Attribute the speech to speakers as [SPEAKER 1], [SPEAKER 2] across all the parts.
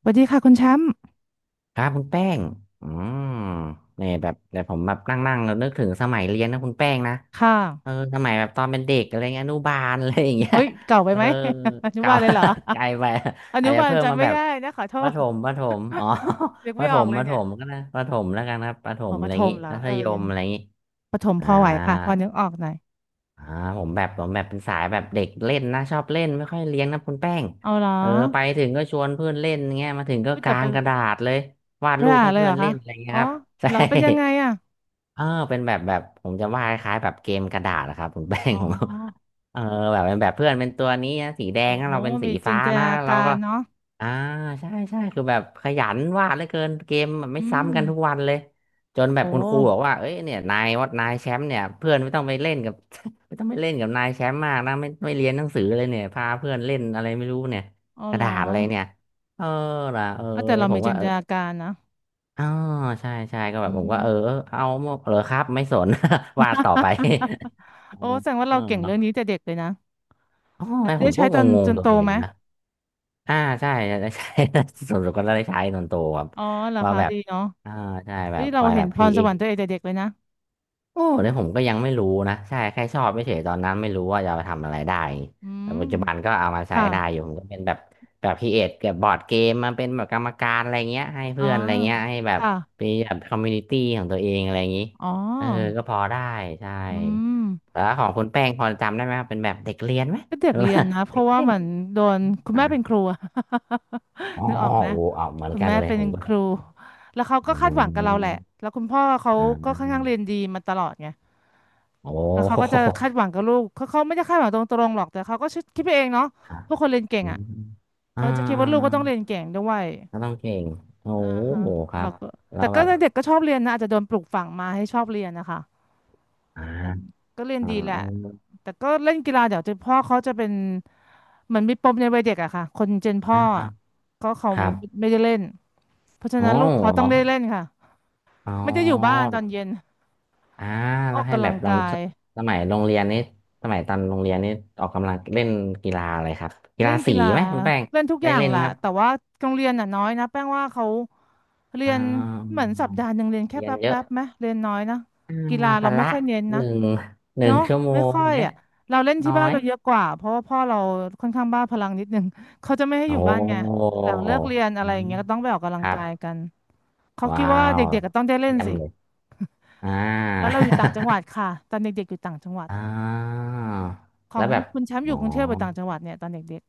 [SPEAKER 1] สวัสดีค่ะคุณแชมป์
[SPEAKER 2] ครับคุณแป้งอืมเนี่ยแบบแต่ผมแบบนั่งๆแล้วนึกถึงสมัยเรียนนะคุณแป้งนะ
[SPEAKER 1] ค่ะ
[SPEAKER 2] เออสมัยแบบตอนเป็นเด็กอะไรเงี้ยอนุบาล อะไรอย่างเงี้ย
[SPEAKER 1] เฮ้ยเก่าไป
[SPEAKER 2] เออ
[SPEAKER 1] ไหม อนุ
[SPEAKER 2] เก่า
[SPEAKER 1] บาลเลยเหรอ
[SPEAKER 2] ไกลไป
[SPEAKER 1] อ
[SPEAKER 2] อา
[SPEAKER 1] นุ
[SPEAKER 2] จจะ
[SPEAKER 1] บาล
[SPEAKER 2] เพิ่ม
[SPEAKER 1] จำ
[SPEAKER 2] มา
[SPEAKER 1] ไม่
[SPEAKER 2] แบบ
[SPEAKER 1] ได้นะขอโท
[SPEAKER 2] ประ
[SPEAKER 1] ษ
[SPEAKER 2] ถมประถมอ๋อ
[SPEAKER 1] นึก
[SPEAKER 2] ป
[SPEAKER 1] ไม่
[SPEAKER 2] ระถ
[SPEAKER 1] ออก
[SPEAKER 2] ม
[SPEAKER 1] เล
[SPEAKER 2] ป
[SPEAKER 1] ย
[SPEAKER 2] ระถ
[SPEAKER 1] เนี่ย
[SPEAKER 2] มก็นะประถมแล้วกันครับประถ
[SPEAKER 1] อ๋อ
[SPEAKER 2] ม
[SPEAKER 1] ป
[SPEAKER 2] อะ
[SPEAKER 1] ระ
[SPEAKER 2] ไร
[SPEAKER 1] ถ
[SPEAKER 2] อย่าง
[SPEAKER 1] ม
[SPEAKER 2] งี้
[SPEAKER 1] เหรอ
[SPEAKER 2] มัธ
[SPEAKER 1] เออ
[SPEAKER 2] ย
[SPEAKER 1] ยั
[SPEAKER 2] ม
[SPEAKER 1] ง
[SPEAKER 2] อะไรอย่างงี้
[SPEAKER 1] ประถมพ
[SPEAKER 2] อ่า
[SPEAKER 1] อไหวค่ะพอนึกออกหน่อย
[SPEAKER 2] อ่าผมแบบผมแบบเป็นสายแบบเด็กเล่นนะชอบเล่นไม่ค่อยเลี้ยงนะคุณแป้ง
[SPEAKER 1] เอาเหรอ
[SPEAKER 2] เออไปถึงก็ชวนเพื่อนเล่นเงี้ยมาถึงก็
[SPEAKER 1] เฮ้ยแต่
[SPEAKER 2] กา
[SPEAKER 1] ไป
[SPEAKER 2] งกระดาษเลยวาด
[SPEAKER 1] ไม่
[SPEAKER 2] รู
[SPEAKER 1] ได้
[SPEAKER 2] ปให้
[SPEAKER 1] เลย
[SPEAKER 2] เพื่
[SPEAKER 1] เห
[SPEAKER 2] อ
[SPEAKER 1] ร
[SPEAKER 2] น
[SPEAKER 1] อ
[SPEAKER 2] เล่
[SPEAKER 1] คะ
[SPEAKER 2] นอะไรเงี้
[SPEAKER 1] อ๋
[SPEAKER 2] ย
[SPEAKER 1] อ
[SPEAKER 2] ครับ ใช่
[SPEAKER 1] เหรอเป็นยังไงอ่ะ
[SPEAKER 2] เออเป็นแบบผมจะวาดคล้ายๆแบบเกมกระดาษนะครับคุณ แป้ง
[SPEAKER 1] อ๋
[SPEAKER 2] ผม
[SPEAKER 1] อ
[SPEAKER 2] เออแบบเป็นแบบเพื่อนเป็นตัวนี้นะสีแด
[SPEAKER 1] โอ้
[SPEAKER 2] งนะเราเป็นสี
[SPEAKER 1] มีจิ
[SPEAKER 2] ฟ้า
[SPEAKER 1] นต
[SPEAKER 2] นะ
[SPEAKER 1] นา
[SPEAKER 2] เรา
[SPEAKER 1] การ
[SPEAKER 2] ก็
[SPEAKER 1] เนาะ
[SPEAKER 2] อ่าใช่ใช่คือแบบขยันวาดเหลือเกินเกมแบบไม่
[SPEAKER 1] อืม
[SPEAKER 2] ซ้ำกันทุกวันเลยจนแบบ
[SPEAKER 1] โอ้
[SPEAKER 2] คุณครูบอกว่าเอ้ยเนี่ยนายว่านายแชมป์เนี่ยเพื่อนไม่ต้องไปเล่นกับ ไม่ต้องไปเล่นกับนายแชมป์มากนะไม่เรียนหนังสือเลยเนี่ยพาเพื่อนเล่นอะไรไม่รู้เนี่ย
[SPEAKER 1] เอา
[SPEAKER 2] กระ
[SPEAKER 1] เหร
[SPEAKER 2] ดา
[SPEAKER 1] อ
[SPEAKER 2] ษอะไรเนี่ยเออล่ะเออ
[SPEAKER 1] เอาแต่เรา
[SPEAKER 2] ผ
[SPEAKER 1] มี
[SPEAKER 2] มก็
[SPEAKER 1] จิน
[SPEAKER 2] เอ
[SPEAKER 1] ต
[SPEAKER 2] อ
[SPEAKER 1] นาการนะ
[SPEAKER 2] อ๋อใช่ใช่ก็แบ
[SPEAKER 1] อื
[SPEAKER 2] บผมก็เออ
[SPEAKER 1] ม
[SPEAKER 2] เออเอาเหรอครับไม่สน วาดต่อไป อ๋อ
[SPEAKER 1] โอ้แสดงว่าเราเก่งเรื่องนี้แต่ เด็กเลยนะ
[SPEAKER 2] อ๋อผ
[SPEAKER 1] ได้
[SPEAKER 2] มก็
[SPEAKER 1] ใช้
[SPEAKER 2] ง
[SPEAKER 1] ตอนจ
[SPEAKER 2] ง
[SPEAKER 1] น
[SPEAKER 2] ๆตั
[SPEAKER 1] โต
[SPEAKER 2] วเอง
[SPEAKER 1] ไหม
[SPEAKER 2] นะ อ่าใช่จะได้ใช้ ส่วนสุดก็ได้ใช้ตอนโตครับ
[SPEAKER 1] อ๋อเหรอ
[SPEAKER 2] ว่า
[SPEAKER 1] คะ
[SPEAKER 2] แบบ
[SPEAKER 1] ดีเนาะ
[SPEAKER 2] อ่าใช่แบ
[SPEAKER 1] นี่
[SPEAKER 2] บค
[SPEAKER 1] เรา
[SPEAKER 2] อย
[SPEAKER 1] เห็
[SPEAKER 2] แบ
[SPEAKER 1] น
[SPEAKER 2] บ
[SPEAKER 1] พ
[SPEAKER 2] ครี
[SPEAKER 1] ร
[SPEAKER 2] เอ
[SPEAKER 1] สว
[SPEAKER 2] ท
[SPEAKER 1] รรค์ตัวเองแต่เด็กเลยนะ
[SPEAKER 2] โอ้แล้วผมก็ยังไม่รู้นะใช่แค่ชอบไม่เฉยๆตอนนั้นไม่รู้ว่าจะเอาไปทำอะไรได้
[SPEAKER 1] อื
[SPEAKER 2] แต่
[SPEAKER 1] ม
[SPEAKER 2] ปัจจุบันก็เอามาใช้
[SPEAKER 1] ค่ะ
[SPEAKER 2] ได้อยู่ผมก็เป็นแบบครีเอทกับบอร์ดเกมมาเป็นแบบกรรมการอะไรเงี้ยให้
[SPEAKER 1] อ๋อ
[SPEAKER 2] เพื่อนอะไรเงี้ยให้แบบ
[SPEAKER 1] ค่ะ
[SPEAKER 2] มีแบบคอมมูนิตี้ของตัวเองอะไรอย่างนี้
[SPEAKER 1] อ๋
[SPEAKER 2] เออ
[SPEAKER 1] อ
[SPEAKER 2] ก็พอได้ใช่
[SPEAKER 1] อืม
[SPEAKER 2] แล้วของคุณแป้งพอจำได้ไหมครับเป็นแบบเด็กเรียนไหม
[SPEAKER 1] ก็เด็
[SPEAKER 2] ห
[SPEAKER 1] ก
[SPEAKER 2] รือ
[SPEAKER 1] เรี
[SPEAKER 2] ว่า
[SPEAKER 1] ยนนะ เพ
[SPEAKER 2] เด็
[SPEAKER 1] ราะ
[SPEAKER 2] ก
[SPEAKER 1] ว่า
[SPEAKER 2] เล่
[SPEAKER 1] เห
[SPEAKER 2] น
[SPEAKER 1] มือนโดนคุณแม่
[SPEAKER 2] อ่า
[SPEAKER 1] เป็นครูอะ
[SPEAKER 2] อ๋อ
[SPEAKER 1] นึกออกไหม
[SPEAKER 2] โอ้อ่ะเหมือน
[SPEAKER 1] คุณ
[SPEAKER 2] กัน
[SPEAKER 1] แม่
[SPEAKER 2] เลย
[SPEAKER 1] เป็น
[SPEAKER 2] ผมก็
[SPEAKER 1] ครูแล้วเขา
[SPEAKER 2] อื
[SPEAKER 1] ก็คาดหวังกับ
[SPEAKER 2] ม
[SPEAKER 1] เราแหละแล้วคุณพ่อเขา
[SPEAKER 2] อ่า
[SPEAKER 1] ก็ค่อนข้างเรียนดีมาตลอดไง
[SPEAKER 2] โอ
[SPEAKER 1] แล้วเขาก็
[SPEAKER 2] ้
[SPEAKER 1] จะคาดหวังกับลูกเขาเขาไม่ได้คาดหวังตรงๆหรอกแต่เขาก็คิดไปเองเนาะ
[SPEAKER 2] ครับ
[SPEAKER 1] พวกคนเรียนเก่ง
[SPEAKER 2] อื
[SPEAKER 1] อ่ะ
[SPEAKER 2] มอ่
[SPEAKER 1] เขาจะคิดว่าลูกก็
[SPEAKER 2] า
[SPEAKER 1] ต้องเรียนเก่งด้วย
[SPEAKER 2] ก็ต้องเก่งโอ้โหครับ
[SPEAKER 1] แก็
[SPEAKER 2] แล้
[SPEAKER 1] แต่
[SPEAKER 2] วแบ
[SPEAKER 1] ก็
[SPEAKER 2] บ
[SPEAKER 1] เด็กก็ชอบเรียนนะอาจจะโดนปลูกฝังมาให้ชอบเรียนนะคะ
[SPEAKER 2] อ่า
[SPEAKER 1] มันก็เรียน
[SPEAKER 2] อ่า
[SPEAKER 1] ดีแหละ
[SPEAKER 2] เอา
[SPEAKER 1] แต่ก็เล่นกีฬาเดี๋ยวจะพ่อเขาจะเป็นเหมือนมีปมในวัยเด็กอะค่ะคนเจนพ่อ
[SPEAKER 2] อ่า
[SPEAKER 1] อะก็เขา
[SPEAKER 2] ครับ
[SPEAKER 1] ไม่ได้เล่นเพราะฉะ
[SPEAKER 2] โอ้
[SPEAKER 1] นั้นลูกเขา
[SPEAKER 2] เหร
[SPEAKER 1] ต้อ
[SPEAKER 2] อ
[SPEAKER 1] งได้เล่นค่ะ
[SPEAKER 2] อ๋อ
[SPEAKER 1] ไม่ได้อยู่บ้านตอนเย็น
[SPEAKER 2] อ่า
[SPEAKER 1] อ
[SPEAKER 2] แล้
[SPEAKER 1] อ
[SPEAKER 2] ว
[SPEAKER 1] ก
[SPEAKER 2] ให้
[SPEAKER 1] กำ
[SPEAKER 2] แบ
[SPEAKER 1] ลั
[SPEAKER 2] บ
[SPEAKER 1] ง
[SPEAKER 2] ลอง
[SPEAKER 1] กาย
[SPEAKER 2] สมัยโรงเรียนนี่สมัยตอนโรงเรียนนี่ออกกำลังเล่นกีฬาอะไรครับกี
[SPEAKER 1] เล่
[SPEAKER 2] ฬา
[SPEAKER 1] นกี
[SPEAKER 2] สี
[SPEAKER 1] ฬา
[SPEAKER 2] ไหมคุณแป้ง
[SPEAKER 1] เล่นทุกอ
[SPEAKER 2] ได้
[SPEAKER 1] ย่าง
[SPEAKER 2] เล่น
[SPEAKER 1] แห
[SPEAKER 2] ไหม
[SPEAKER 1] ละ
[SPEAKER 2] ครับ
[SPEAKER 1] แต่ว่าโรงเรียนน่ะน้อยนะแป้งว่าเขาเรี
[SPEAKER 2] อ่
[SPEAKER 1] ยน
[SPEAKER 2] า
[SPEAKER 1] เหมือนสัปดาห์หนึ่งเรียนแค่
[SPEAKER 2] เรียน
[SPEAKER 1] แป๊บ
[SPEAKER 2] เย
[SPEAKER 1] แป๊
[SPEAKER 2] อะ
[SPEAKER 1] บไหมเรียนน้อยนะ
[SPEAKER 2] อ่า
[SPEAKER 1] กีฬา
[SPEAKER 2] พ
[SPEAKER 1] เราไม่
[SPEAKER 2] ละ
[SPEAKER 1] ค่อยเน้น
[SPEAKER 2] ห
[SPEAKER 1] นะ
[SPEAKER 2] นึ่งหนึ่ง
[SPEAKER 1] เนาะ
[SPEAKER 2] ชั่วโม
[SPEAKER 1] ไม่
[SPEAKER 2] ง
[SPEAKER 1] ค่อย
[SPEAKER 2] เนี่ย
[SPEAKER 1] อ่ะเราเล่น
[SPEAKER 2] น้
[SPEAKER 1] ที่
[SPEAKER 2] อ
[SPEAKER 1] บ้าน
[SPEAKER 2] ย
[SPEAKER 1] เราเยอะกว่าเพราะว่าพ่อเราค่อนข้างบ้าพลังนิดนึง เขาจะไม่ให้อ
[SPEAKER 2] โอ้
[SPEAKER 1] ยู่บ้านไงหลังเลิกเรียนอะ
[SPEAKER 2] อื
[SPEAKER 1] ไรอย่า
[SPEAKER 2] ม
[SPEAKER 1] งเงี้ยก็ต้องไปออกกำลั
[SPEAKER 2] ค
[SPEAKER 1] ง
[SPEAKER 2] รับ
[SPEAKER 1] กายกันเขาคิ
[SPEAKER 2] ว้า
[SPEAKER 1] ดว่า
[SPEAKER 2] ว
[SPEAKER 1] เด็กๆก็ต้องได้เล่น
[SPEAKER 2] เยี่ยม
[SPEAKER 1] สิ
[SPEAKER 2] เลยอ่า
[SPEAKER 1] แล้วเราอยู่ต่างจังหวัดค่ะตอนเด็กๆอยู่ต่างจังหวัด
[SPEAKER 2] อ่า
[SPEAKER 1] ขอ
[SPEAKER 2] แล้
[SPEAKER 1] ง
[SPEAKER 2] วแบบ
[SPEAKER 1] คุณแชมป์อ
[SPEAKER 2] อ๋อ
[SPEAKER 1] ยู่กรุงเทพหรือต่างจังหวัดเนี่ยตอนเด็ก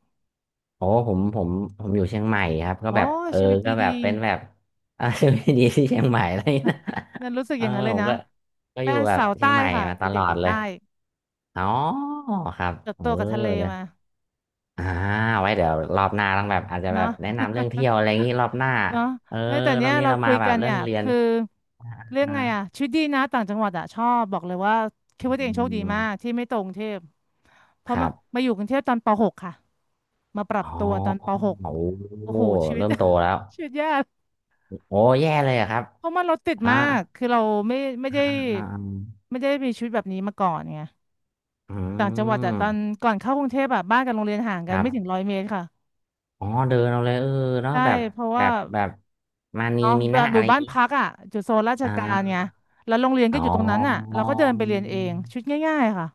[SPEAKER 2] โอ้ผมอยู่เชียงใหม่ครับ
[SPEAKER 1] ๆ
[SPEAKER 2] ก็
[SPEAKER 1] อ๋อ
[SPEAKER 2] แบบเออ
[SPEAKER 1] ชีวิต
[SPEAKER 2] ก็แบ
[SPEAKER 1] ดี
[SPEAKER 2] บเป็นแบบ เออชีวิตดีที่เชียงใหม่อะไรอย่างเงี้ยนะ
[SPEAKER 1] ๆนั่นรู้สึก
[SPEAKER 2] เอ
[SPEAKER 1] อ
[SPEAKER 2] อ
[SPEAKER 1] ย่างนั้นเลย
[SPEAKER 2] ผม
[SPEAKER 1] นะ
[SPEAKER 2] ก็ก็อ
[SPEAKER 1] แป้
[SPEAKER 2] ยู่
[SPEAKER 1] ง
[SPEAKER 2] แบบ
[SPEAKER 1] สาว
[SPEAKER 2] เชี
[SPEAKER 1] ใต้
[SPEAKER 2] ยงใหม่
[SPEAKER 1] ค่ะ
[SPEAKER 2] มาตล
[SPEAKER 1] เด็ก
[SPEAKER 2] อ
[SPEAKER 1] ๆอ
[SPEAKER 2] ด
[SPEAKER 1] ยู่
[SPEAKER 2] เล
[SPEAKER 1] ใต้
[SPEAKER 2] ยอ๋อครับ
[SPEAKER 1] เติบ
[SPEAKER 2] เออ
[SPEAKER 1] โตกับทะเลมา
[SPEAKER 2] อ่าไว้เดี๋ยวรอบหน้าต้องแบบอาจจะแบ
[SPEAKER 1] เนาะ
[SPEAKER 2] บแนะนำเรื่องเที่ยวอะไรอย่างงี้รอบหน้า
[SPEAKER 1] เนาะ
[SPEAKER 2] เออ
[SPEAKER 1] เอ้ยแต่
[SPEAKER 2] ร
[SPEAKER 1] เนี้
[SPEAKER 2] อ
[SPEAKER 1] ย
[SPEAKER 2] บนี้
[SPEAKER 1] เรา
[SPEAKER 2] เรา
[SPEAKER 1] คุ
[SPEAKER 2] มา
[SPEAKER 1] ย
[SPEAKER 2] แบ
[SPEAKER 1] กั
[SPEAKER 2] บ
[SPEAKER 1] น
[SPEAKER 2] เรื่
[SPEAKER 1] เนี่
[SPEAKER 2] อง
[SPEAKER 1] ย
[SPEAKER 2] เรียน
[SPEAKER 1] คือเรื่องไงอ่ะ
[SPEAKER 2] นะ
[SPEAKER 1] ชีวิตดีนะต่างจังหวัดอ่ะชอบบอกเลยว่าคิดว่าตัว
[SPEAKER 2] อื
[SPEAKER 1] เองโชคดีมาก
[SPEAKER 2] ม
[SPEAKER 1] ที่ไม่ตรงกรุงเทพเพ
[SPEAKER 2] ค
[SPEAKER 1] ราะ
[SPEAKER 2] รั
[SPEAKER 1] มา
[SPEAKER 2] บ
[SPEAKER 1] มาอยู่กรุงเทพตอนป .ป.6 ค่ะมาปรั
[SPEAKER 2] อ๋
[SPEAKER 1] บ
[SPEAKER 2] อ
[SPEAKER 1] ตัวตอนป .ป.6
[SPEAKER 2] โอ้
[SPEAKER 1] โอ้
[SPEAKER 2] โห
[SPEAKER 1] โหชีวิต
[SPEAKER 2] เริ่มโตแล้ว
[SPEAKER 1] ชีวิตยาก
[SPEAKER 2] โอ้แย่เลยอะครับ
[SPEAKER 1] เพราะมันรถติด
[SPEAKER 2] อ่า
[SPEAKER 1] มากคือเราไม่ไม่
[SPEAKER 2] อ่า
[SPEAKER 1] ได้
[SPEAKER 2] อ่าอา
[SPEAKER 1] ไม่ได้มีชีวิตแบบนี้มาก่อนไง
[SPEAKER 2] อื
[SPEAKER 1] ต่างจังหวัดอ่ะตอน
[SPEAKER 2] ม
[SPEAKER 1] ก่อนเข้ากรุงเทพอ่ะบ้านกับโรงเรียนห่างกั
[SPEAKER 2] ค
[SPEAKER 1] น
[SPEAKER 2] รับ
[SPEAKER 1] ไม่ถึงร้อยเมตรค่ะ
[SPEAKER 2] อ๋อเดินเอาเลยเออเนาะ
[SPEAKER 1] ใช่
[SPEAKER 2] แบบ
[SPEAKER 1] เพราะ
[SPEAKER 2] แบ
[SPEAKER 1] ว่า
[SPEAKER 2] บแบบมานี
[SPEAKER 1] เนาะ
[SPEAKER 2] มี
[SPEAKER 1] แบ
[SPEAKER 2] นะ
[SPEAKER 1] บอ
[SPEAKER 2] อะ
[SPEAKER 1] ยู่
[SPEAKER 2] ไรอย่า
[SPEAKER 1] บ้า
[SPEAKER 2] ง
[SPEAKER 1] น
[SPEAKER 2] งี้
[SPEAKER 1] พักอ่ะอยู่โซนราช
[SPEAKER 2] อ่
[SPEAKER 1] การไง
[SPEAKER 2] า
[SPEAKER 1] แล้วโรงเรียน
[SPEAKER 2] อ๋
[SPEAKER 1] ก็
[SPEAKER 2] อ
[SPEAKER 1] อยู่ตรงนั้นอ่ะเราก็เดินไปเรียนเองชุดง่ายๆค่ะ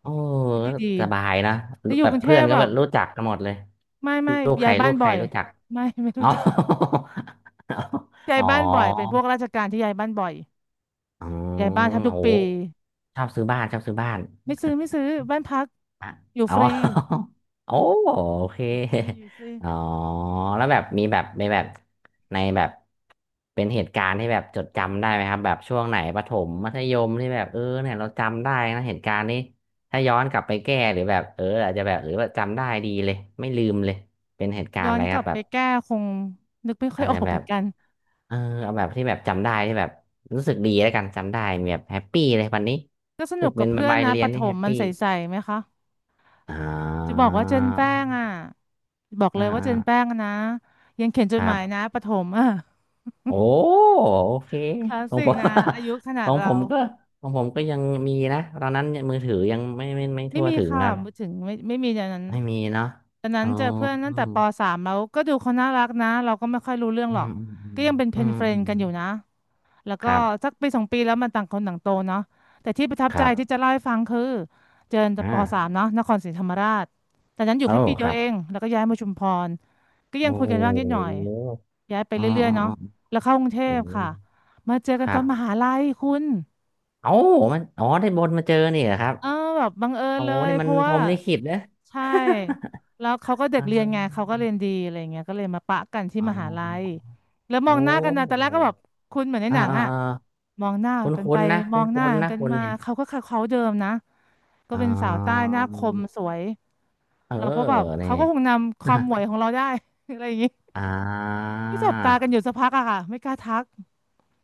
[SPEAKER 2] โอ้
[SPEAKER 1] ชุดดี
[SPEAKER 2] สบายนะ
[SPEAKER 1] ๆจะอยู่
[SPEAKER 2] แบ
[SPEAKER 1] ก
[SPEAKER 2] บ
[SPEAKER 1] รุงเท
[SPEAKER 2] เพื่อ
[SPEAKER 1] พ
[SPEAKER 2] นก็
[SPEAKER 1] แบ
[SPEAKER 2] แบ
[SPEAKER 1] บ
[SPEAKER 2] บรู้จักกันหมดเลย
[SPEAKER 1] ไม่
[SPEAKER 2] ลูกใค
[SPEAKER 1] ย้า
[SPEAKER 2] ร
[SPEAKER 1] ยบ้า
[SPEAKER 2] ลู
[SPEAKER 1] น
[SPEAKER 2] กใค
[SPEAKER 1] บ่อ
[SPEAKER 2] ร
[SPEAKER 1] ย
[SPEAKER 2] รู้จัก
[SPEAKER 1] ไม่
[SPEAKER 2] อ๋
[SPEAKER 1] รู้
[SPEAKER 2] อ
[SPEAKER 1] จัก ย้า
[SPEAKER 2] อ๋
[SPEAKER 1] ย
[SPEAKER 2] อ
[SPEAKER 1] บ้านบ่อยเป็นพวกราชการที่ย้ายบ้านบ่อย
[SPEAKER 2] อ๋อ
[SPEAKER 1] ย้ายบ้านแทบทุกปี
[SPEAKER 2] โหชอบซื้อบ้านชอบซื้อบ้าน
[SPEAKER 1] ไม่ซื้อบ้านพัก
[SPEAKER 2] อ่ะ
[SPEAKER 1] อยู่
[SPEAKER 2] อ๋
[SPEAKER 1] ฟ
[SPEAKER 2] อ
[SPEAKER 1] รี
[SPEAKER 2] โอ้โอเค
[SPEAKER 1] อยู่ไม่อยู่ฟรี
[SPEAKER 2] อ๋อแล้วแบบมีแบบในแบบเป็นเหตุการณ์ที่แบบจดจำได้ไหมครับแบบช่วงไหนประถมมัธยมที่แบบเออเนี่ยเราจำได้นะเหตุการณ์นี้ถ้าย้อนกลับไปแก้หรือแบบเอออาจจะแบบหรือว่าจำได้ดีเลยไม่ลืมเลยเป็นเหตุการ
[SPEAKER 1] ย้
[SPEAKER 2] ณ์
[SPEAKER 1] อ
[SPEAKER 2] อะ
[SPEAKER 1] น
[SPEAKER 2] ไร
[SPEAKER 1] ก
[SPEAKER 2] ค
[SPEAKER 1] ลั
[SPEAKER 2] รั
[SPEAKER 1] บ
[SPEAKER 2] บแบ
[SPEAKER 1] ไป
[SPEAKER 2] บ
[SPEAKER 1] แก้คงนึกไม่ค่อ
[SPEAKER 2] อา
[SPEAKER 1] ย
[SPEAKER 2] จ
[SPEAKER 1] ออ
[SPEAKER 2] จะ
[SPEAKER 1] ก
[SPEAKER 2] แบ
[SPEAKER 1] เหมือ
[SPEAKER 2] บ
[SPEAKER 1] นกัน
[SPEAKER 2] เออเอาแบบที่แบบจำได้ที่แบบรู้สึกดีแล้วกันจำได้มีแบบแฮปปี้เลยวันนี้
[SPEAKER 1] ก็ส
[SPEAKER 2] รู้
[SPEAKER 1] นุ
[SPEAKER 2] สึ
[SPEAKER 1] ก
[SPEAKER 2] ก
[SPEAKER 1] กั
[SPEAKER 2] เป็
[SPEAKER 1] บ
[SPEAKER 2] น
[SPEAKER 1] เพื่อน
[SPEAKER 2] ใบาย
[SPEAKER 1] นะ
[SPEAKER 2] เรี
[SPEAKER 1] ป
[SPEAKER 2] ยน
[SPEAKER 1] ระถ
[SPEAKER 2] ที่แฮ
[SPEAKER 1] ม
[SPEAKER 2] ป
[SPEAKER 1] มัน
[SPEAKER 2] ปี้
[SPEAKER 1] ใสๆไหมคะ
[SPEAKER 2] อ่
[SPEAKER 1] จะบอกว่าเจนแป้ง
[SPEAKER 2] า
[SPEAKER 1] อ่ะบอก
[SPEAKER 2] อ่า
[SPEAKER 1] เลยว่า
[SPEAKER 2] อ่า
[SPEAKER 1] เจนแป้งอะนะยังเขียนจ
[SPEAKER 2] ค
[SPEAKER 1] ดห
[SPEAKER 2] รั
[SPEAKER 1] มายนะ
[SPEAKER 2] บ
[SPEAKER 1] ประถมอ่ะ
[SPEAKER 2] โอ้โอเค
[SPEAKER 1] คลาส
[SPEAKER 2] ของ
[SPEAKER 1] สิ
[SPEAKER 2] ผ
[SPEAKER 1] ก
[SPEAKER 2] ม
[SPEAKER 1] นะอายุข นา
[SPEAKER 2] ข
[SPEAKER 1] ด
[SPEAKER 2] องผ
[SPEAKER 1] เรา
[SPEAKER 2] มก็ของผมก็ยังมีนะตอนนั้นมือถือยังไม่
[SPEAKER 1] ไม่
[SPEAKER 2] ทั่ว
[SPEAKER 1] มี
[SPEAKER 2] ถึง
[SPEAKER 1] ค่ะ
[SPEAKER 2] ครับ
[SPEAKER 1] ไม่ถึงไม่มีอย่างนั้น
[SPEAKER 2] ไม่มีเนาะ
[SPEAKER 1] ตอนนั้
[SPEAKER 2] อ๋
[SPEAKER 1] น
[SPEAKER 2] อ
[SPEAKER 1] เจอเพื่อนตั้งแต่ปสามแล้วก็ดูเขาน่ารักนะเราก็ไม่ค่อยรู้เรื่อง
[SPEAKER 2] อื
[SPEAKER 1] หรอก
[SPEAKER 2] มอืมอืม
[SPEAKER 1] ก็ยังเป็นเพ
[SPEAKER 2] อื
[SPEAKER 1] น
[SPEAKER 2] ม
[SPEAKER 1] เฟร
[SPEAKER 2] อื
[SPEAKER 1] นกันอยู่
[SPEAKER 2] ม
[SPEAKER 1] นะ แล้ว
[SPEAKER 2] ค
[SPEAKER 1] ก็
[SPEAKER 2] รั
[SPEAKER 1] สัก
[SPEAKER 2] บ
[SPEAKER 1] ปีสองปีแล้วมันต่างคนต่างโตเนาะแต่ที่ประทับ
[SPEAKER 2] ค
[SPEAKER 1] ใจ
[SPEAKER 2] รั
[SPEAKER 1] ที่
[SPEAKER 2] บ
[SPEAKER 1] จะเล่าให้ฟังคือเจอ
[SPEAKER 2] อ
[SPEAKER 1] ปสาม
[SPEAKER 2] ่า
[SPEAKER 1] เนาะนครศรีธรรมราชตอนนั้นอยู่
[SPEAKER 2] โอ้
[SPEAKER 1] แค่ปีเดี
[SPEAKER 2] ค
[SPEAKER 1] ย
[SPEAKER 2] รั
[SPEAKER 1] ว
[SPEAKER 2] บ
[SPEAKER 1] เองแล้วก็ย้ายมาชุมพรก็ยั
[SPEAKER 2] โอ้
[SPEAKER 1] งคุย
[SPEAKER 2] โห
[SPEAKER 1] กันบ้างนิดหน่อยย้ายไป
[SPEAKER 2] อ๋อ
[SPEAKER 1] เรื่อ
[SPEAKER 2] อ๋
[SPEAKER 1] ย
[SPEAKER 2] อ
[SPEAKER 1] ๆเนาะ
[SPEAKER 2] อ๋อ
[SPEAKER 1] แล้วเข้ากรุงเท
[SPEAKER 2] โอ้
[SPEAKER 1] พค่ะมาเจอ
[SPEAKER 2] ค
[SPEAKER 1] กันต
[SPEAKER 2] รั
[SPEAKER 1] อนมหา
[SPEAKER 2] บ
[SPEAKER 1] ลัยคุณ
[SPEAKER 2] เอ้ามันอ๋อได้บนมาเจอนี่เหรอครับ
[SPEAKER 1] เออแบบบังเอิญ
[SPEAKER 2] โอ้
[SPEAKER 1] เลย
[SPEAKER 2] นี่
[SPEAKER 1] เพ
[SPEAKER 2] มัน
[SPEAKER 1] ราะ
[SPEAKER 2] พร
[SPEAKER 1] ว่า
[SPEAKER 2] หมลิขิตเนอะ
[SPEAKER 1] ใช่แล้วเขาก็ เด็
[SPEAKER 2] อ๋
[SPEAKER 1] กเรียนไงเขา
[SPEAKER 2] อ
[SPEAKER 1] ก็เรียนดีอะไรเงี้ยก็เลยมาปะกันที่
[SPEAKER 2] อ๋
[SPEAKER 1] มหาลัย
[SPEAKER 2] อ
[SPEAKER 1] แล้วมอง
[SPEAKER 2] โอ้
[SPEAKER 1] หน้ากันนะตอนแรกก็แบบคุณเหมือนใน
[SPEAKER 2] อ่า
[SPEAKER 1] หนัง
[SPEAKER 2] อ่า
[SPEAKER 1] อะ
[SPEAKER 2] อ่า
[SPEAKER 1] มองหน้า
[SPEAKER 2] ค
[SPEAKER 1] กันไป
[SPEAKER 2] ุ้นๆนะ
[SPEAKER 1] ม
[SPEAKER 2] คุ
[SPEAKER 1] องหน้า
[SPEAKER 2] ้นๆนะ
[SPEAKER 1] กัน
[SPEAKER 2] คน
[SPEAKER 1] มา
[SPEAKER 2] เนี่ย
[SPEAKER 1] เขาก็เขาเดิมนะก็
[SPEAKER 2] อ่
[SPEAKER 1] เป็นสาวใต้
[SPEAKER 2] า
[SPEAKER 1] หน้าคมสวย
[SPEAKER 2] เออ
[SPEAKER 1] เราก็แบบ
[SPEAKER 2] เนี่
[SPEAKER 1] เขา
[SPEAKER 2] ย
[SPEAKER 1] ก็คงนำควา มหมวยของเราได้ อะไรอย่างงี้
[SPEAKER 2] อ่า
[SPEAKER 1] ก็สบตากันอยู่สักพักอะค่ะไม่กล้าทัก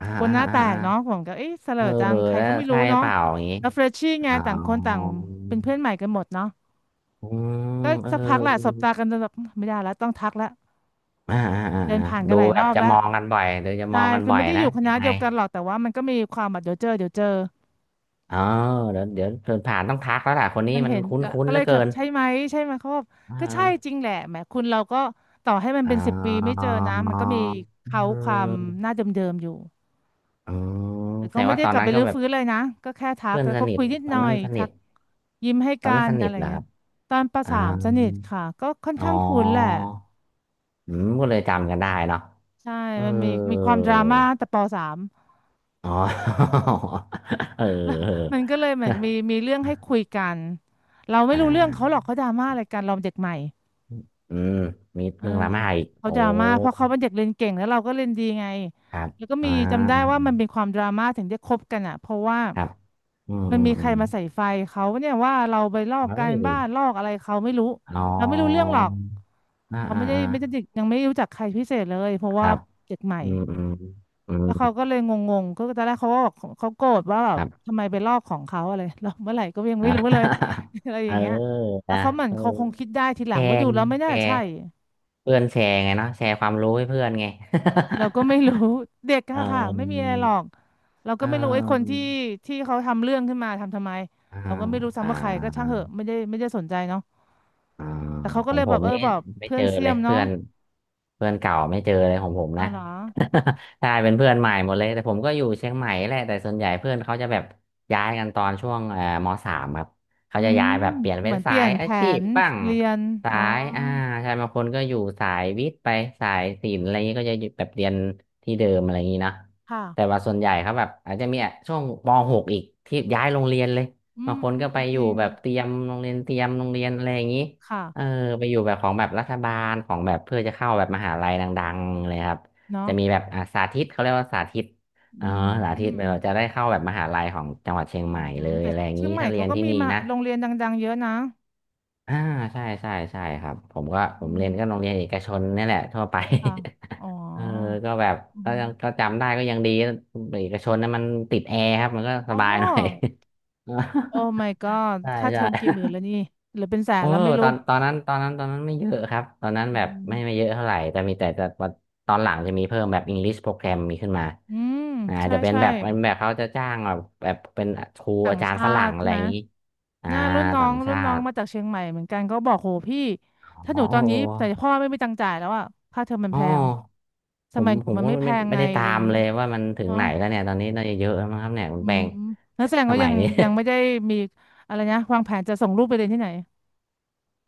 [SPEAKER 2] อ่า
[SPEAKER 1] กลัว
[SPEAKER 2] อ่า
[SPEAKER 1] หน้า
[SPEAKER 2] อ่า
[SPEAKER 1] แตก
[SPEAKER 2] อ่า
[SPEAKER 1] เนาะผมก็เอ๊ะเสล
[SPEAKER 2] เอ
[SPEAKER 1] อ
[SPEAKER 2] อ
[SPEAKER 1] จังใคร
[SPEAKER 2] แล้
[SPEAKER 1] ก็
[SPEAKER 2] ว
[SPEAKER 1] ไม่รู้
[SPEAKER 2] ใช่
[SPEAKER 1] เนาะ
[SPEAKER 2] เปล่าอย่างงี้
[SPEAKER 1] แล้วเฟรชชี่ไง
[SPEAKER 2] อ๋อ
[SPEAKER 1] ต่างคนต่างเป็นเพื่อนใหม่กันหมดเนาะ
[SPEAKER 2] อืม
[SPEAKER 1] ก็
[SPEAKER 2] เอ
[SPEAKER 1] สักพักแหละสบ
[SPEAKER 2] อ
[SPEAKER 1] ตากันจนแบบไม่ได้แล้วต้องทักแล้ว
[SPEAKER 2] อ่าอ่าอ่า
[SPEAKER 1] เดิน
[SPEAKER 2] อ่า
[SPEAKER 1] ผ่านกั
[SPEAKER 2] ดู
[SPEAKER 1] นหลาย
[SPEAKER 2] แบ
[SPEAKER 1] ร
[SPEAKER 2] บ
[SPEAKER 1] อบ
[SPEAKER 2] จะ
[SPEAKER 1] แล้
[SPEAKER 2] ม
[SPEAKER 1] ว
[SPEAKER 2] องกันบ่อยเดี๋ยวจะมอ
[SPEAKER 1] ใช่
[SPEAKER 2] งกัน
[SPEAKER 1] คือ
[SPEAKER 2] บ่อย
[SPEAKER 1] ไม่ได้อ
[SPEAKER 2] นะ
[SPEAKER 1] ยู่ค
[SPEAKER 2] ยั
[SPEAKER 1] ณะ
[SPEAKER 2] งไง
[SPEAKER 1] เดียวกันหรอกแต่ว่ามันก็มีความแบบเดี๋ยวเจอเดี๋ยวเจอ
[SPEAKER 2] อ๋อเดี๋ยวเดี๋ยวเดินผ่านต้องทักแล้วล่ะคนนี้
[SPEAKER 1] มัน
[SPEAKER 2] มัน
[SPEAKER 1] เห็นก็
[SPEAKER 2] คุ้นๆเห
[SPEAKER 1] เล
[SPEAKER 2] ลือ
[SPEAKER 1] ยแบ
[SPEAKER 2] เกิ
[SPEAKER 1] บ
[SPEAKER 2] น
[SPEAKER 1] ใช่ไหมเขาบอก
[SPEAKER 2] เ
[SPEAKER 1] ก็ใช่จ
[SPEAKER 2] ออ
[SPEAKER 1] ริงแหละแหมคุณเราก็ต่อให้มัน
[SPEAKER 2] อ๋
[SPEAKER 1] เป็นสิบปีไม่
[SPEAKER 2] อ
[SPEAKER 1] เจอนะมันก็มีเขา
[SPEAKER 2] เ
[SPEAKER 1] ความ
[SPEAKER 2] ออ
[SPEAKER 1] หน้าเดิมๆอยู่
[SPEAKER 2] อ๋อ
[SPEAKER 1] แต่
[SPEAKER 2] แส
[SPEAKER 1] ก็
[SPEAKER 2] ดง
[SPEAKER 1] ไม่
[SPEAKER 2] ว่า
[SPEAKER 1] ได้
[SPEAKER 2] ตอ
[SPEAKER 1] ก
[SPEAKER 2] น
[SPEAKER 1] ลับ
[SPEAKER 2] นั้
[SPEAKER 1] ไป
[SPEAKER 2] นก็
[SPEAKER 1] รื้อ
[SPEAKER 2] แบบ
[SPEAKER 1] ฟื้นเลยนะก็แค่ทัก
[SPEAKER 2] เพื่อน
[SPEAKER 1] แล้ว
[SPEAKER 2] ส
[SPEAKER 1] ก็
[SPEAKER 2] นิ
[SPEAKER 1] คุ
[SPEAKER 2] ท
[SPEAKER 1] ยนิด
[SPEAKER 2] ต
[SPEAKER 1] ห
[SPEAKER 2] อ
[SPEAKER 1] น่
[SPEAKER 2] น
[SPEAKER 1] อ
[SPEAKER 2] นั้น
[SPEAKER 1] ย
[SPEAKER 2] สนิ
[SPEAKER 1] ทั
[SPEAKER 2] ท
[SPEAKER 1] กยิ้มให้
[SPEAKER 2] ตอน
[SPEAKER 1] กั
[SPEAKER 2] นั้น
[SPEAKER 1] น
[SPEAKER 2] สนิ
[SPEAKER 1] อะ
[SPEAKER 2] ท
[SPEAKER 1] ไร
[SPEAKER 2] เหรอ
[SPEAKER 1] เงี้
[SPEAKER 2] ค
[SPEAKER 1] ย
[SPEAKER 2] รับ
[SPEAKER 1] ตอนป
[SPEAKER 2] อ่า
[SPEAKER 1] สามสนิทค่ะก็ค่อน
[SPEAKER 2] อ๋อ
[SPEAKER 1] ข้างคุ้นแหละ
[SPEAKER 2] อืมก็เลยจำกันได้เนาะ
[SPEAKER 1] ใช่
[SPEAKER 2] เออ
[SPEAKER 1] มันมีความดราม่าตั้งแต่ปสาม
[SPEAKER 2] อ๋อ เออ เอ
[SPEAKER 1] มัน
[SPEAKER 2] อ
[SPEAKER 1] ก็เลยเหมือนมีเรื่องให้คุยกันเราไม่
[SPEAKER 2] อ่า
[SPEAKER 1] รู้เรื่องเขาหรอกเขาดราม่าอะไรกันเราเด็กใหม่
[SPEAKER 2] อืมมี
[SPEAKER 1] เออ
[SPEAKER 2] เรื่องดราม่าอีก
[SPEAKER 1] เขา
[SPEAKER 2] โอ้
[SPEAKER 1] ดราม่าเพราะเขาเป็นเด็กเรียนเก่งแล้วเราก็เรียนดีไง
[SPEAKER 2] ครับ
[SPEAKER 1] แล้วก็
[SPEAKER 2] อ่า
[SPEAKER 1] มีจำได้ว่ามันเป็นความดราม่าถึงได้คบกันอ่ะเพราะว่า
[SPEAKER 2] ครับอืม
[SPEAKER 1] มัน
[SPEAKER 2] อืม
[SPEAKER 1] มีใค
[SPEAKER 2] อื
[SPEAKER 1] ร
[SPEAKER 2] ม
[SPEAKER 1] มาใส่ไฟเขาเนี่ยว่าเราไปลอกกา
[SPEAKER 2] เฮ้
[SPEAKER 1] ร
[SPEAKER 2] ย
[SPEAKER 1] บ้านลอกอะไรเขาไม่รู้
[SPEAKER 2] อ๋อ
[SPEAKER 1] เราไม่รู้เรื่องหรอก
[SPEAKER 2] อ่า
[SPEAKER 1] เรา
[SPEAKER 2] อ่า
[SPEAKER 1] ไม่ได้
[SPEAKER 2] อ่า
[SPEAKER 1] ยังไม่รู้จักใครพิเศษเลยเพราะ
[SPEAKER 2] ค
[SPEAKER 1] ว่า
[SPEAKER 2] รับ
[SPEAKER 1] เด็กใหม่
[SPEAKER 2] อืมอืมอืม
[SPEAKER 1] แล้วเขาก็เลยงงๆก็ตอนแรกเขาก็บอกเขาโกรธว่าแบ
[SPEAKER 2] ค
[SPEAKER 1] บ
[SPEAKER 2] รับ
[SPEAKER 1] ทำไมไปลอกของเขาอะไรแล้วเมื่อไหร่ก็ยัง
[SPEAKER 2] อ่า
[SPEAKER 1] ไม่รู้เลย อะไรอ
[SPEAKER 2] เออ
[SPEAKER 1] ย่างเงี้ยแล้ว
[SPEAKER 2] นะ
[SPEAKER 1] เขาเหมือน
[SPEAKER 2] เออ
[SPEAKER 1] เขาคงคิดได้ทีห
[SPEAKER 2] แช
[SPEAKER 1] ลังว่า
[SPEAKER 2] ร์
[SPEAKER 1] ดู
[SPEAKER 2] ไง
[SPEAKER 1] แล้วไม่
[SPEAKER 2] แช
[SPEAKER 1] น่า
[SPEAKER 2] ร์
[SPEAKER 1] ใช่
[SPEAKER 2] เพื่อนแชร์ไงเนาะแชร์ความรู้ให้เพื่อนไง
[SPEAKER 1] เราก็ไม่ รู้ เด็ก
[SPEAKER 2] เอ
[SPEAKER 1] ค่ะค่ะไม่มีอะ
[SPEAKER 2] อ
[SPEAKER 1] ไรหรอกเราก็
[SPEAKER 2] เอ
[SPEAKER 1] ไม่รู้ไอ้คน
[SPEAKER 2] อ
[SPEAKER 1] ที่เขาทำเรื่องขึ้นมาทำไม
[SPEAKER 2] อ่า
[SPEAKER 1] เราก็ไม่รู้
[SPEAKER 2] อ่า
[SPEAKER 1] ซ้ำว่าใครก็ช่างเหอะไม่ได้สนใจเนาะ
[SPEAKER 2] อ่า
[SPEAKER 1] แต่เขาก็
[SPEAKER 2] ขอ
[SPEAKER 1] เล
[SPEAKER 2] ง
[SPEAKER 1] ย
[SPEAKER 2] ผ
[SPEAKER 1] แบบ
[SPEAKER 2] ม
[SPEAKER 1] เออ
[SPEAKER 2] นี่
[SPEAKER 1] แบบ
[SPEAKER 2] ไม่
[SPEAKER 1] เพื่อ
[SPEAKER 2] เจ
[SPEAKER 1] น
[SPEAKER 2] อ
[SPEAKER 1] เสี้
[SPEAKER 2] เล
[SPEAKER 1] ย
[SPEAKER 2] ย
[SPEAKER 1] มเนาะ
[SPEAKER 2] เพื่อนเพื่อนเก่าไม่เจอเลยของผม
[SPEAKER 1] อ๋อ
[SPEAKER 2] นะ
[SPEAKER 1] เหรอ
[SPEAKER 2] ใช่เป็นเพื่อนใหม่หมดเลยแต่ผมก็อยู่เชียงใหม่แหละแต่ส่วนใหญ่เพื่อนเขาจะแบบย้ายกันตอนช่วงมสามครับเขา
[SPEAKER 1] อื
[SPEAKER 2] จะ
[SPEAKER 1] ม
[SPEAKER 2] ย้ายแบบเปลี่ยน
[SPEAKER 1] เห
[SPEAKER 2] เป็
[SPEAKER 1] มื
[SPEAKER 2] น
[SPEAKER 1] อนเป
[SPEAKER 2] สา
[SPEAKER 1] ลี่ย
[SPEAKER 2] ย
[SPEAKER 1] นแผ
[SPEAKER 2] อาชีพ
[SPEAKER 1] น
[SPEAKER 2] บ้าง
[SPEAKER 1] เรียน
[SPEAKER 2] สา
[SPEAKER 1] อ๋อ
[SPEAKER 2] ยอ่าใช่บางคนก็อยู่สายวิทย์ไปสายศิลป์อะไรอย่างนี้ก็จะอยู่แบบเรียนที่เดิมอะไรอย่างนี้เนาะ
[SPEAKER 1] ค่ะ
[SPEAKER 2] แต่ว่าส่วนใหญ่เขาแบบอาจจะมีอ่ะช่วงปหกอีกที่ย้ายโรงเรียนเลย
[SPEAKER 1] อื
[SPEAKER 2] บาง
[SPEAKER 1] ม
[SPEAKER 2] คน
[SPEAKER 1] อืม
[SPEAKER 2] ก็ไปอ
[SPEAKER 1] จ
[SPEAKER 2] ยู่
[SPEAKER 1] ริง
[SPEAKER 2] แบบเตรียมโรงเรียนเตรียมโรงเรียนอะไรอย่างนี้ เออ
[SPEAKER 1] ค่ะ
[SPEAKER 2] ไปอยู่แบบของแบบรัฐบาลของแบบเพื่อจะเข้าแบบมหาลัยดังๆเลยครับ
[SPEAKER 1] เนาะ
[SPEAKER 2] จะมีแบบอ่าสาธิตเขาเรียกว่าสาธิตเออ
[SPEAKER 1] อื
[SPEAKER 2] สาธิต
[SPEAKER 1] ม
[SPEAKER 2] แบบว่าจะได้เข้าแบบมหาลัยของจังหวัดเชียงให
[SPEAKER 1] อื
[SPEAKER 2] ม่
[SPEAKER 1] ม
[SPEAKER 2] เลย
[SPEAKER 1] แต่
[SPEAKER 2] อะไรอย่าง
[SPEAKER 1] เชีย
[SPEAKER 2] นี้
[SPEAKER 1] งใหม่
[SPEAKER 2] ถ้าเรี
[SPEAKER 1] เขา
[SPEAKER 2] ยน
[SPEAKER 1] ก็
[SPEAKER 2] ที่
[SPEAKER 1] มี
[SPEAKER 2] นี่
[SPEAKER 1] มา
[SPEAKER 2] นะ
[SPEAKER 1] โรงเรียนดังๆเยอะนะ
[SPEAKER 2] อ่าใช่ใช่ใช่ครับผมก็ผม
[SPEAKER 1] อื
[SPEAKER 2] เรี
[SPEAKER 1] ม
[SPEAKER 2] ยนก็โรงเรียนเอกชนนี่แหละทั่วไป
[SPEAKER 1] ค่ะอ๋
[SPEAKER 2] เออ
[SPEAKER 1] อ
[SPEAKER 2] ก็แบบ
[SPEAKER 1] อื
[SPEAKER 2] ก็
[SPEAKER 1] ม
[SPEAKER 2] ยังก็จำได้ก็ยังดีเอกชนนั้นมันติดแอร์ครับมันก็ส
[SPEAKER 1] อ๋อ
[SPEAKER 2] บายหน่อย
[SPEAKER 1] โอ้ my god
[SPEAKER 2] ใช่
[SPEAKER 1] ค่าเทอ
[SPEAKER 2] ใช่
[SPEAKER 1] มกี่หมื่นแล้วนี่หรือเป็นแส
[SPEAKER 2] เอ
[SPEAKER 1] น
[SPEAKER 2] อ
[SPEAKER 1] แล้วไม่รู้
[SPEAKER 2] ตอนตอนนั้นตอนนั้นตอนนั้นไม่เยอะครับตอนนั้น
[SPEAKER 1] อื
[SPEAKER 2] แบบไม่
[SPEAKER 1] ม
[SPEAKER 2] เยอะเท่าไหร่แต่มีแต่แต่ตอนหลังจะมีเพิ่มแบบ English โปรแกรมมีขึ้นมา
[SPEAKER 1] อืม
[SPEAKER 2] อ่า
[SPEAKER 1] ใช่
[SPEAKER 2] จะเป็น
[SPEAKER 1] ใช่
[SPEAKER 2] แบบเป็นแบบเขาจะจ้างแบบแบบเป็นครู
[SPEAKER 1] ต่าง
[SPEAKER 2] อาจารย์
[SPEAKER 1] ชา
[SPEAKER 2] ฝรั่ง
[SPEAKER 1] ติ
[SPEAKER 2] อะไร
[SPEAKER 1] ไห
[SPEAKER 2] อ
[SPEAKER 1] ม
[SPEAKER 2] ย่างนี้อ่า
[SPEAKER 1] น่ารุ่นน้อ
[SPEAKER 2] ต่า
[SPEAKER 1] ง
[SPEAKER 2] งชาติ
[SPEAKER 1] มาจากเชียงใหม่เหมือนกันก็บอกโหพี่ถ้าห
[SPEAKER 2] อ๋อ
[SPEAKER 1] นู
[SPEAKER 2] เอ
[SPEAKER 1] ตอนนี้แต่พ่
[SPEAKER 2] อ
[SPEAKER 1] อไม่มีตังค์จ่ายแล้วอะค่าเทอมมัน
[SPEAKER 2] อ๋อ
[SPEAKER 1] แพงส
[SPEAKER 2] ผม
[SPEAKER 1] มัยหนู
[SPEAKER 2] ผม
[SPEAKER 1] มัน
[SPEAKER 2] ก็
[SPEAKER 1] ไม่
[SPEAKER 2] ไม่
[SPEAKER 1] แพ
[SPEAKER 2] ไม่
[SPEAKER 1] ง
[SPEAKER 2] ไม่
[SPEAKER 1] ไง
[SPEAKER 2] ได้
[SPEAKER 1] อะ
[SPEAKER 2] ตา
[SPEAKER 1] ไรอ
[SPEAKER 2] ม
[SPEAKER 1] ย่างนี้
[SPEAKER 2] เลยว่ามันถึง
[SPEAKER 1] เนาะ
[SPEAKER 2] ไหนแล้วเนี่ยตอนนี้น่าจะเยอะแล้วมั้งครับเนี่ยคุ
[SPEAKER 1] อื
[SPEAKER 2] ณแป
[SPEAKER 1] ม
[SPEAKER 2] ง
[SPEAKER 1] นักแสดง
[SPEAKER 2] ส
[SPEAKER 1] ก็ยั
[SPEAKER 2] มัย
[SPEAKER 1] ง
[SPEAKER 2] นี้
[SPEAKER 1] ยังไม่ได้ มีอะไรนะวางแผนจะส่งลูกไปเรียนที่ไหน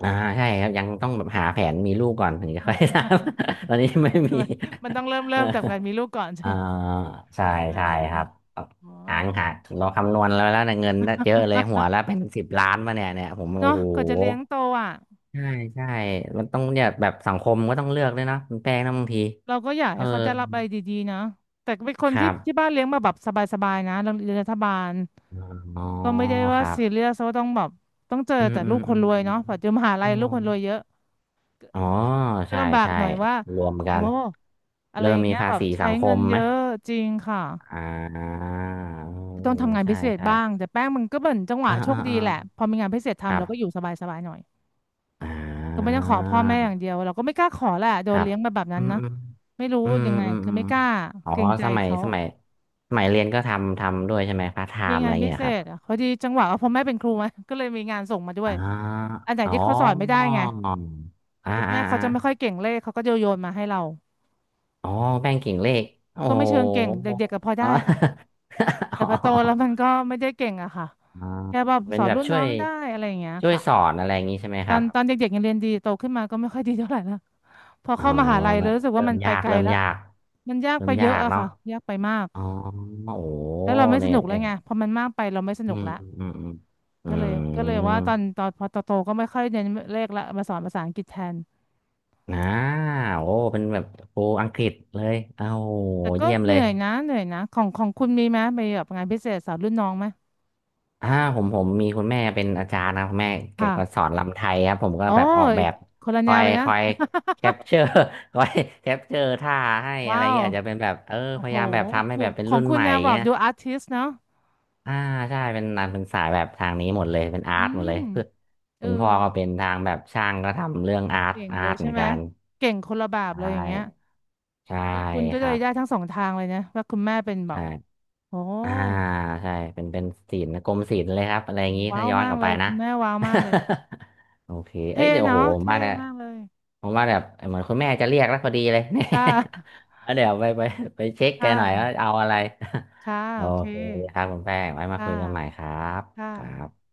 [SPEAKER 2] อ่าใช่ครับยังต้องแบบหาแผนมีลูกก่อนถึงจะ
[SPEAKER 1] อ๋
[SPEAKER 2] ค่อยท
[SPEAKER 1] อ
[SPEAKER 2] ำ ตอนนี้ไม่
[SPEAKER 1] ทำ
[SPEAKER 2] มี
[SPEAKER 1] ไมันมันต้องเริ่มจากการ มีลูกก่อนใช่
[SPEAKER 2] อ่า
[SPEAKER 1] ไหม
[SPEAKER 2] ใช่
[SPEAKER 1] ประมาณ
[SPEAKER 2] ใช่
[SPEAKER 1] นั้น
[SPEAKER 2] ครับแบบ
[SPEAKER 1] อ๋อ
[SPEAKER 2] หางหาเราคำนวณแล้วนะเงินน่ะเยอะเลยหัวแล้วเป็ นสิบล้านมาเนี่ยเนี่ยผมโอ้
[SPEAKER 1] เนาะ
[SPEAKER 2] โห
[SPEAKER 1] กว่อนจะเลี้ยงโตอ่ะ
[SPEAKER 2] ใช่ใช่มันต้องเนี่ยแบบสังคมก็ต้องเลือกด้วยเนาะคุณแป้งนะบางที
[SPEAKER 1] เราก็อยาก
[SPEAKER 2] เออ
[SPEAKER 1] ให้เขาจะรับอะไรดีๆนะแต่เป็นคน
[SPEAKER 2] ครั
[SPEAKER 1] ที่
[SPEAKER 2] บ
[SPEAKER 1] บ้านเลี้ยงมาแบบสบายๆนะเราเรียนรัฐบาล
[SPEAKER 2] อ๋อ
[SPEAKER 1] ก็ไม่ได้
[SPEAKER 2] ค
[SPEAKER 1] ว่า
[SPEAKER 2] รับ
[SPEAKER 1] ซีเรียสว่าต้องแบบต้องเจอ
[SPEAKER 2] อืม
[SPEAKER 1] แต่
[SPEAKER 2] อื
[SPEAKER 1] ลู
[SPEAKER 2] ม
[SPEAKER 1] กค
[SPEAKER 2] อื
[SPEAKER 1] น
[SPEAKER 2] ม
[SPEAKER 1] รวยเนาะปัจจุบันมหาลั
[SPEAKER 2] อื
[SPEAKER 1] ยลูกคนรวยเย
[SPEAKER 2] ม
[SPEAKER 1] อะ
[SPEAKER 2] อ๋อ
[SPEAKER 1] จะ
[SPEAKER 2] ใช่
[SPEAKER 1] ลำบาก
[SPEAKER 2] ใช่
[SPEAKER 1] หน่อยว่า
[SPEAKER 2] รวมกั
[SPEAKER 1] โอ้
[SPEAKER 2] น
[SPEAKER 1] อะไร
[SPEAKER 2] เริ่
[SPEAKER 1] อ
[SPEAKER 2] ม
[SPEAKER 1] ย่าง
[SPEAKER 2] มี
[SPEAKER 1] เงี้ย
[SPEAKER 2] ภา
[SPEAKER 1] แบบ
[SPEAKER 2] ษี
[SPEAKER 1] ใช้
[SPEAKER 2] สังค
[SPEAKER 1] เงิ
[SPEAKER 2] ม
[SPEAKER 1] นเย
[SPEAKER 2] ไหม
[SPEAKER 1] อะจริงค่ะ
[SPEAKER 2] อ่าเออ
[SPEAKER 1] ต้องทำงาน
[SPEAKER 2] ใช่
[SPEAKER 1] พิเศษ
[SPEAKER 2] ใช่
[SPEAKER 1] บ้างแต่แป้งมันก็เป็นจังหวะ
[SPEAKER 2] อ่า
[SPEAKER 1] โช
[SPEAKER 2] อ่า
[SPEAKER 1] คดี
[SPEAKER 2] อ่า
[SPEAKER 1] แหละพอมีงานพิเศษ
[SPEAKER 2] ค
[SPEAKER 1] ทำ
[SPEAKER 2] รั
[SPEAKER 1] เราก็อยู่
[SPEAKER 2] บ
[SPEAKER 1] สบายๆหน่อย
[SPEAKER 2] อ่
[SPEAKER 1] ก็ไม่ต้องขอพ่อแม่อย่าง
[SPEAKER 2] า
[SPEAKER 1] เดียวเราก็ไม่กล้าขอแหละโด
[SPEAKER 2] ค
[SPEAKER 1] น
[SPEAKER 2] รับ
[SPEAKER 1] เลี้ยงมาแบบนั้
[SPEAKER 2] อื
[SPEAKER 1] น
[SPEAKER 2] ม
[SPEAKER 1] นะ
[SPEAKER 2] อืม
[SPEAKER 1] ไม่รู้
[SPEAKER 2] อืม
[SPEAKER 1] ยังไง
[SPEAKER 2] อืม
[SPEAKER 1] คือ
[SPEAKER 2] อืม
[SPEAKER 1] ไม่กล้า
[SPEAKER 2] อ๋อ
[SPEAKER 1] เกรงใจ
[SPEAKER 2] สมัย
[SPEAKER 1] เขา
[SPEAKER 2] สมัยสมัยเรียนก็ทำทำด้วยใช่ไหมพาร์ทไท
[SPEAKER 1] มี
[SPEAKER 2] ม์อะ
[SPEAKER 1] งา
[SPEAKER 2] ไร
[SPEAKER 1] นพิ
[SPEAKER 2] เงี้ย
[SPEAKER 1] เศ
[SPEAKER 2] ครับ
[SPEAKER 1] ษอ่ะพอดีจังหวะว่าพ่อแม่เป็นครูไง ก็เลยมีงานส่งมาด้วย
[SPEAKER 2] อ่า
[SPEAKER 1] อันไหน
[SPEAKER 2] อ๋อ
[SPEAKER 1] ที่เขาสอนไม่ได้ไง
[SPEAKER 2] อ่า
[SPEAKER 1] คุณแม่
[SPEAKER 2] อ่า
[SPEAKER 1] เขา
[SPEAKER 2] อ่า
[SPEAKER 1] จะไม่ค่อยเก่งเลขเขาก็โยนมาให้เรา
[SPEAKER 2] อ๋อแป้งกิ่งเลขโอ้
[SPEAKER 1] ก็
[SPEAKER 2] โห
[SPEAKER 1] ไม่เชิงเก่งเด็กๆก็พอ
[SPEAKER 2] อ๋อ
[SPEAKER 1] ได้ค่ะ
[SPEAKER 2] อ๋
[SPEAKER 1] แต่
[SPEAKER 2] อ
[SPEAKER 1] พอโตแล้วมันก็ไม่ได้เก่งอะค่ะ
[SPEAKER 2] อ๋อ
[SPEAKER 1] แค่แบบ
[SPEAKER 2] เป็
[SPEAKER 1] ส
[SPEAKER 2] น
[SPEAKER 1] อน
[SPEAKER 2] แบบ
[SPEAKER 1] รุ่น
[SPEAKER 2] ช่
[SPEAKER 1] น้
[SPEAKER 2] ว
[SPEAKER 1] อ
[SPEAKER 2] ย
[SPEAKER 1] งได้อะไรอย่างเงี้ย
[SPEAKER 2] ช่วย
[SPEAKER 1] ค่ะ
[SPEAKER 2] สอนอะไรอย่างงี้ใช่ไหมครับ
[SPEAKER 1] ตอนเด็กๆยังเรียนดีโตขึ้นมาก็ไม่ค่อยดีเท่าไหร่ละพอ
[SPEAKER 2] อ๋อ
[SPEAKER 1] เข้ามหาลัยเล
[SPEAKER 2] แบ
[SPEAKER 1] ย
[SPEAKER 2] บ
[SPEAKER 1] รู้สึกว่า
[SPEAKER 2] เริ่
[SPEAKER 1] มั
[SPEAKER 2] ม
[SPEAKER 1] นไป
[SPEAKER 2] ยาก
[SPEAKER 1] ไกล
[SPEAKER 2] เริ่ม
[SPEAKER 1] ละ
[SPEAKER 2] ยาก
[SPEAKER 1] มันยาก
[SPEAKER 2] เริ่
[SPEAKER 1] ไป
[SPEAKER 2] ม
[SPEAKER 1] เย
[SPEAKER 2] ยา
[SPEAKER 1] อะ
[SPEAKER 2] ก
[SPEAKER 1] อะ
[SPEAKER 2] เนาะ
[SPEAKER 1] ค่ะยากไปมาก
[SPEAKER 2] อ๋อโอ้โห
[SPEAKER 1] แล้วเราไม่ส
[SPEAKER 2] เนี่ย
[SPEAKER 1] นุกแล้ว
[SPEAKER 2] เนี่ย
[SPEAKER 1] ไงพอมันมากไปเราไม่ส
[SPEAKER 2] อื
[SPEAKER 1] นุก
[SPEAKER 2] ม
[SPEAKER 1] ละ
[SPEAKER 2] อืมอืมอืมอื
[SPEAKER 1] ก็เลยว่า
[SPEAKER 2] ม
[SPEAKER 1] ตอนพอโตก็ไม่ค่อยเรียนเลขละมาสอนภาษาอังกฤษแทน
[SPEAKER 2] อ่าโอ้เป็นแบบครูอังกฤษเลยเอ้าโห
[SPEAKER 1] แต่ก็
[SPEAKER 2] เยี่ยม
[SPEAKER 1] เห
[SPEAKER 2] เล
[SPEAKER 1] นื่
[SPEAKER 2] ย
[SPEAKER 1] อยนะของคุณมีไหมไปแบบงานพิเศษสอนรุ่นน้องไหม
[SPEAKER 2] อ่าผมผมมีคุณแม่เป็นอาจารย์นะคุณแม่แกก็ส
[SPEAKER 1] ค่ะ
[SPEAKER 2] อนรำไทยครับผมก็
[SPEAKER 1] อ๋อ
[SPEAKER 2] แบบออกแบ
[SPEAKER 1] อีก
[SPEAKER 2] บ
[SPEAKER 1] คนละ
[SPEAKER 2] ค
[SPEAKER 1] แน
[SPEAKER 2] อ
[SPEAKER 1] ว
[SPEAKER 2] ย
[SPEAKER 1] เลย
[SPEAKER 2] ค
[SPEAKER 1] นะ
[SPEAKER 2] อยแค ปเจอร์ คอยแคปเจอร์ท่าให้อะไร
[SPEAKER 1] ว้า
[SPEAKER 2] อย่าง
[SPEAKER 1] ว
[SPEAKER 2] เงี้ยอาจจะเป็นแบบเออ
[SPEAKER 1] โอ้
[SPEAKER 2] พ
[SPEAKER 1] โห
[SPEAKER 2] ยายามแบบทำ
[SPEAKER 1] ข
[SPEAKER 2] ให้
[SPEAKER 1] อ
[SPEAKER 2] แบ
[SPEAKER 1] ง
[SPEAKER 2] บเป็นรุ่น
[SPEAKER 1] คุณ
[SPEAKER 2] ใหม่
[SPEAKER 1] แนวแบบ
[SPEAKER 2] เงี้ย
[SPEAKER 1] ดูอาร์ติสเนาะ
[SPEAKER 2] อ่าใช่เป็นนันเป็นสายแบบทางนี้หมดเลยเป็นอา
[SPEAKER 1] อื
[SPEAKER 2] ร์ตหมดเลย
[SPEAKER 1] ม
[SPEAKER 2] คือ
[SPEAKER 1] เออ
[SPEAKER 2] คุณพ่อก็เป็นทางแบบช่างก็ทำเรื่องอาร์ต
[SPEAKER 1] เก่ง
[SPEAKER 2] อา
[SPEAKER 1] เล
[SPEAKER 2] ร์
[SPEAKER 1] ย
[SPEAKER 2] ตเห
[SPEAKER 1] ใช่
[SPEAKER 2] มือน
[SPEAKER 1] ไหม
[SPEAKER 2] กัน
[SPEAKER 1] เก่งคนละแบบเล
[SPEAKER 2] ใช่
[SPEAKER 1] ยอย่างเงี้ย
[SPEAKER 2] ใช่
[SPEAKER 1] คุณก็
[SPEAKER 2] ค
[SPEAKER 1] เล
[SPEAKER 2] รั
[SPEAKER 1] ย
[SPEAKER 2] บ
[SPEAKER 1] ได้ทั้งสองทางเลยนะว่าคุณแม่เป็นแบ
[SPEAKER 2] ใช่
[SPEAKER 1] บโอ้
[SPEAKER 2] อ่าใช่เป็นเป็นศีลนะกรมศีลเลยครับอะไรอย่างนี้
[SPEAKER 1] ว้า
[SPEAKER 2] ถ้า
[SPEAKER 1] ว
[SPEAKER 2] ย้อน
[SPEAKER 1] มา
[SPEAKER 2] ก
[SPEAKER 1] ก
[SPEAKER 2] ลับ
[SPEAKER 1] เล
[SPEAKER 2] ไป
[SPEAKER 1] ยคุ
[SPEAKER 2] นะ
[SPEAKER 1] ณแม่ว้าวมากเลย
[SPEAKER 2] โอเคเอ้
[SPEAKER 1] เท่
[SPEAKER 2] ยเดี๋ยวโอ้
[SPEAKER 1] เนาะ
[SPEAKER 2] โหผม
[SPEAKER 1] เท่
[SPEAKER 2] ว่าเนี่ย
[SPEAKER 1] มากเลย
[SPEAKER 2] ผมว่าแบบเหมือนคุณแม่จะเรียกแล้วพอดีเลย เนี่ย
[SPEAKER 1] ค่ะ
[SPEAKER 2] แล้วเดี๋ยวไปไปเช็คแก
[SPEAKER 1] ค่ะ
[SPEAKER 2] หน่อยว่าเอาอะไร
[SPEAKER 1] ค่ะ
[SPEAKER 2] โอ
[SPEAKER 1] โอเค
[SPEAKER 2] เคครับคุณแป้งไว้มา
[SPEAKER 1] ค่
[SPEAKER 2] คุยกันใหม่ค
[SPEAKER 1] ะ
[SPEAKER 2] รับ
[SPEAKER 1] ค่
[SPEAKER 2] ครั
[SPEAKER 1] ะ
[SPEAKER 2] บ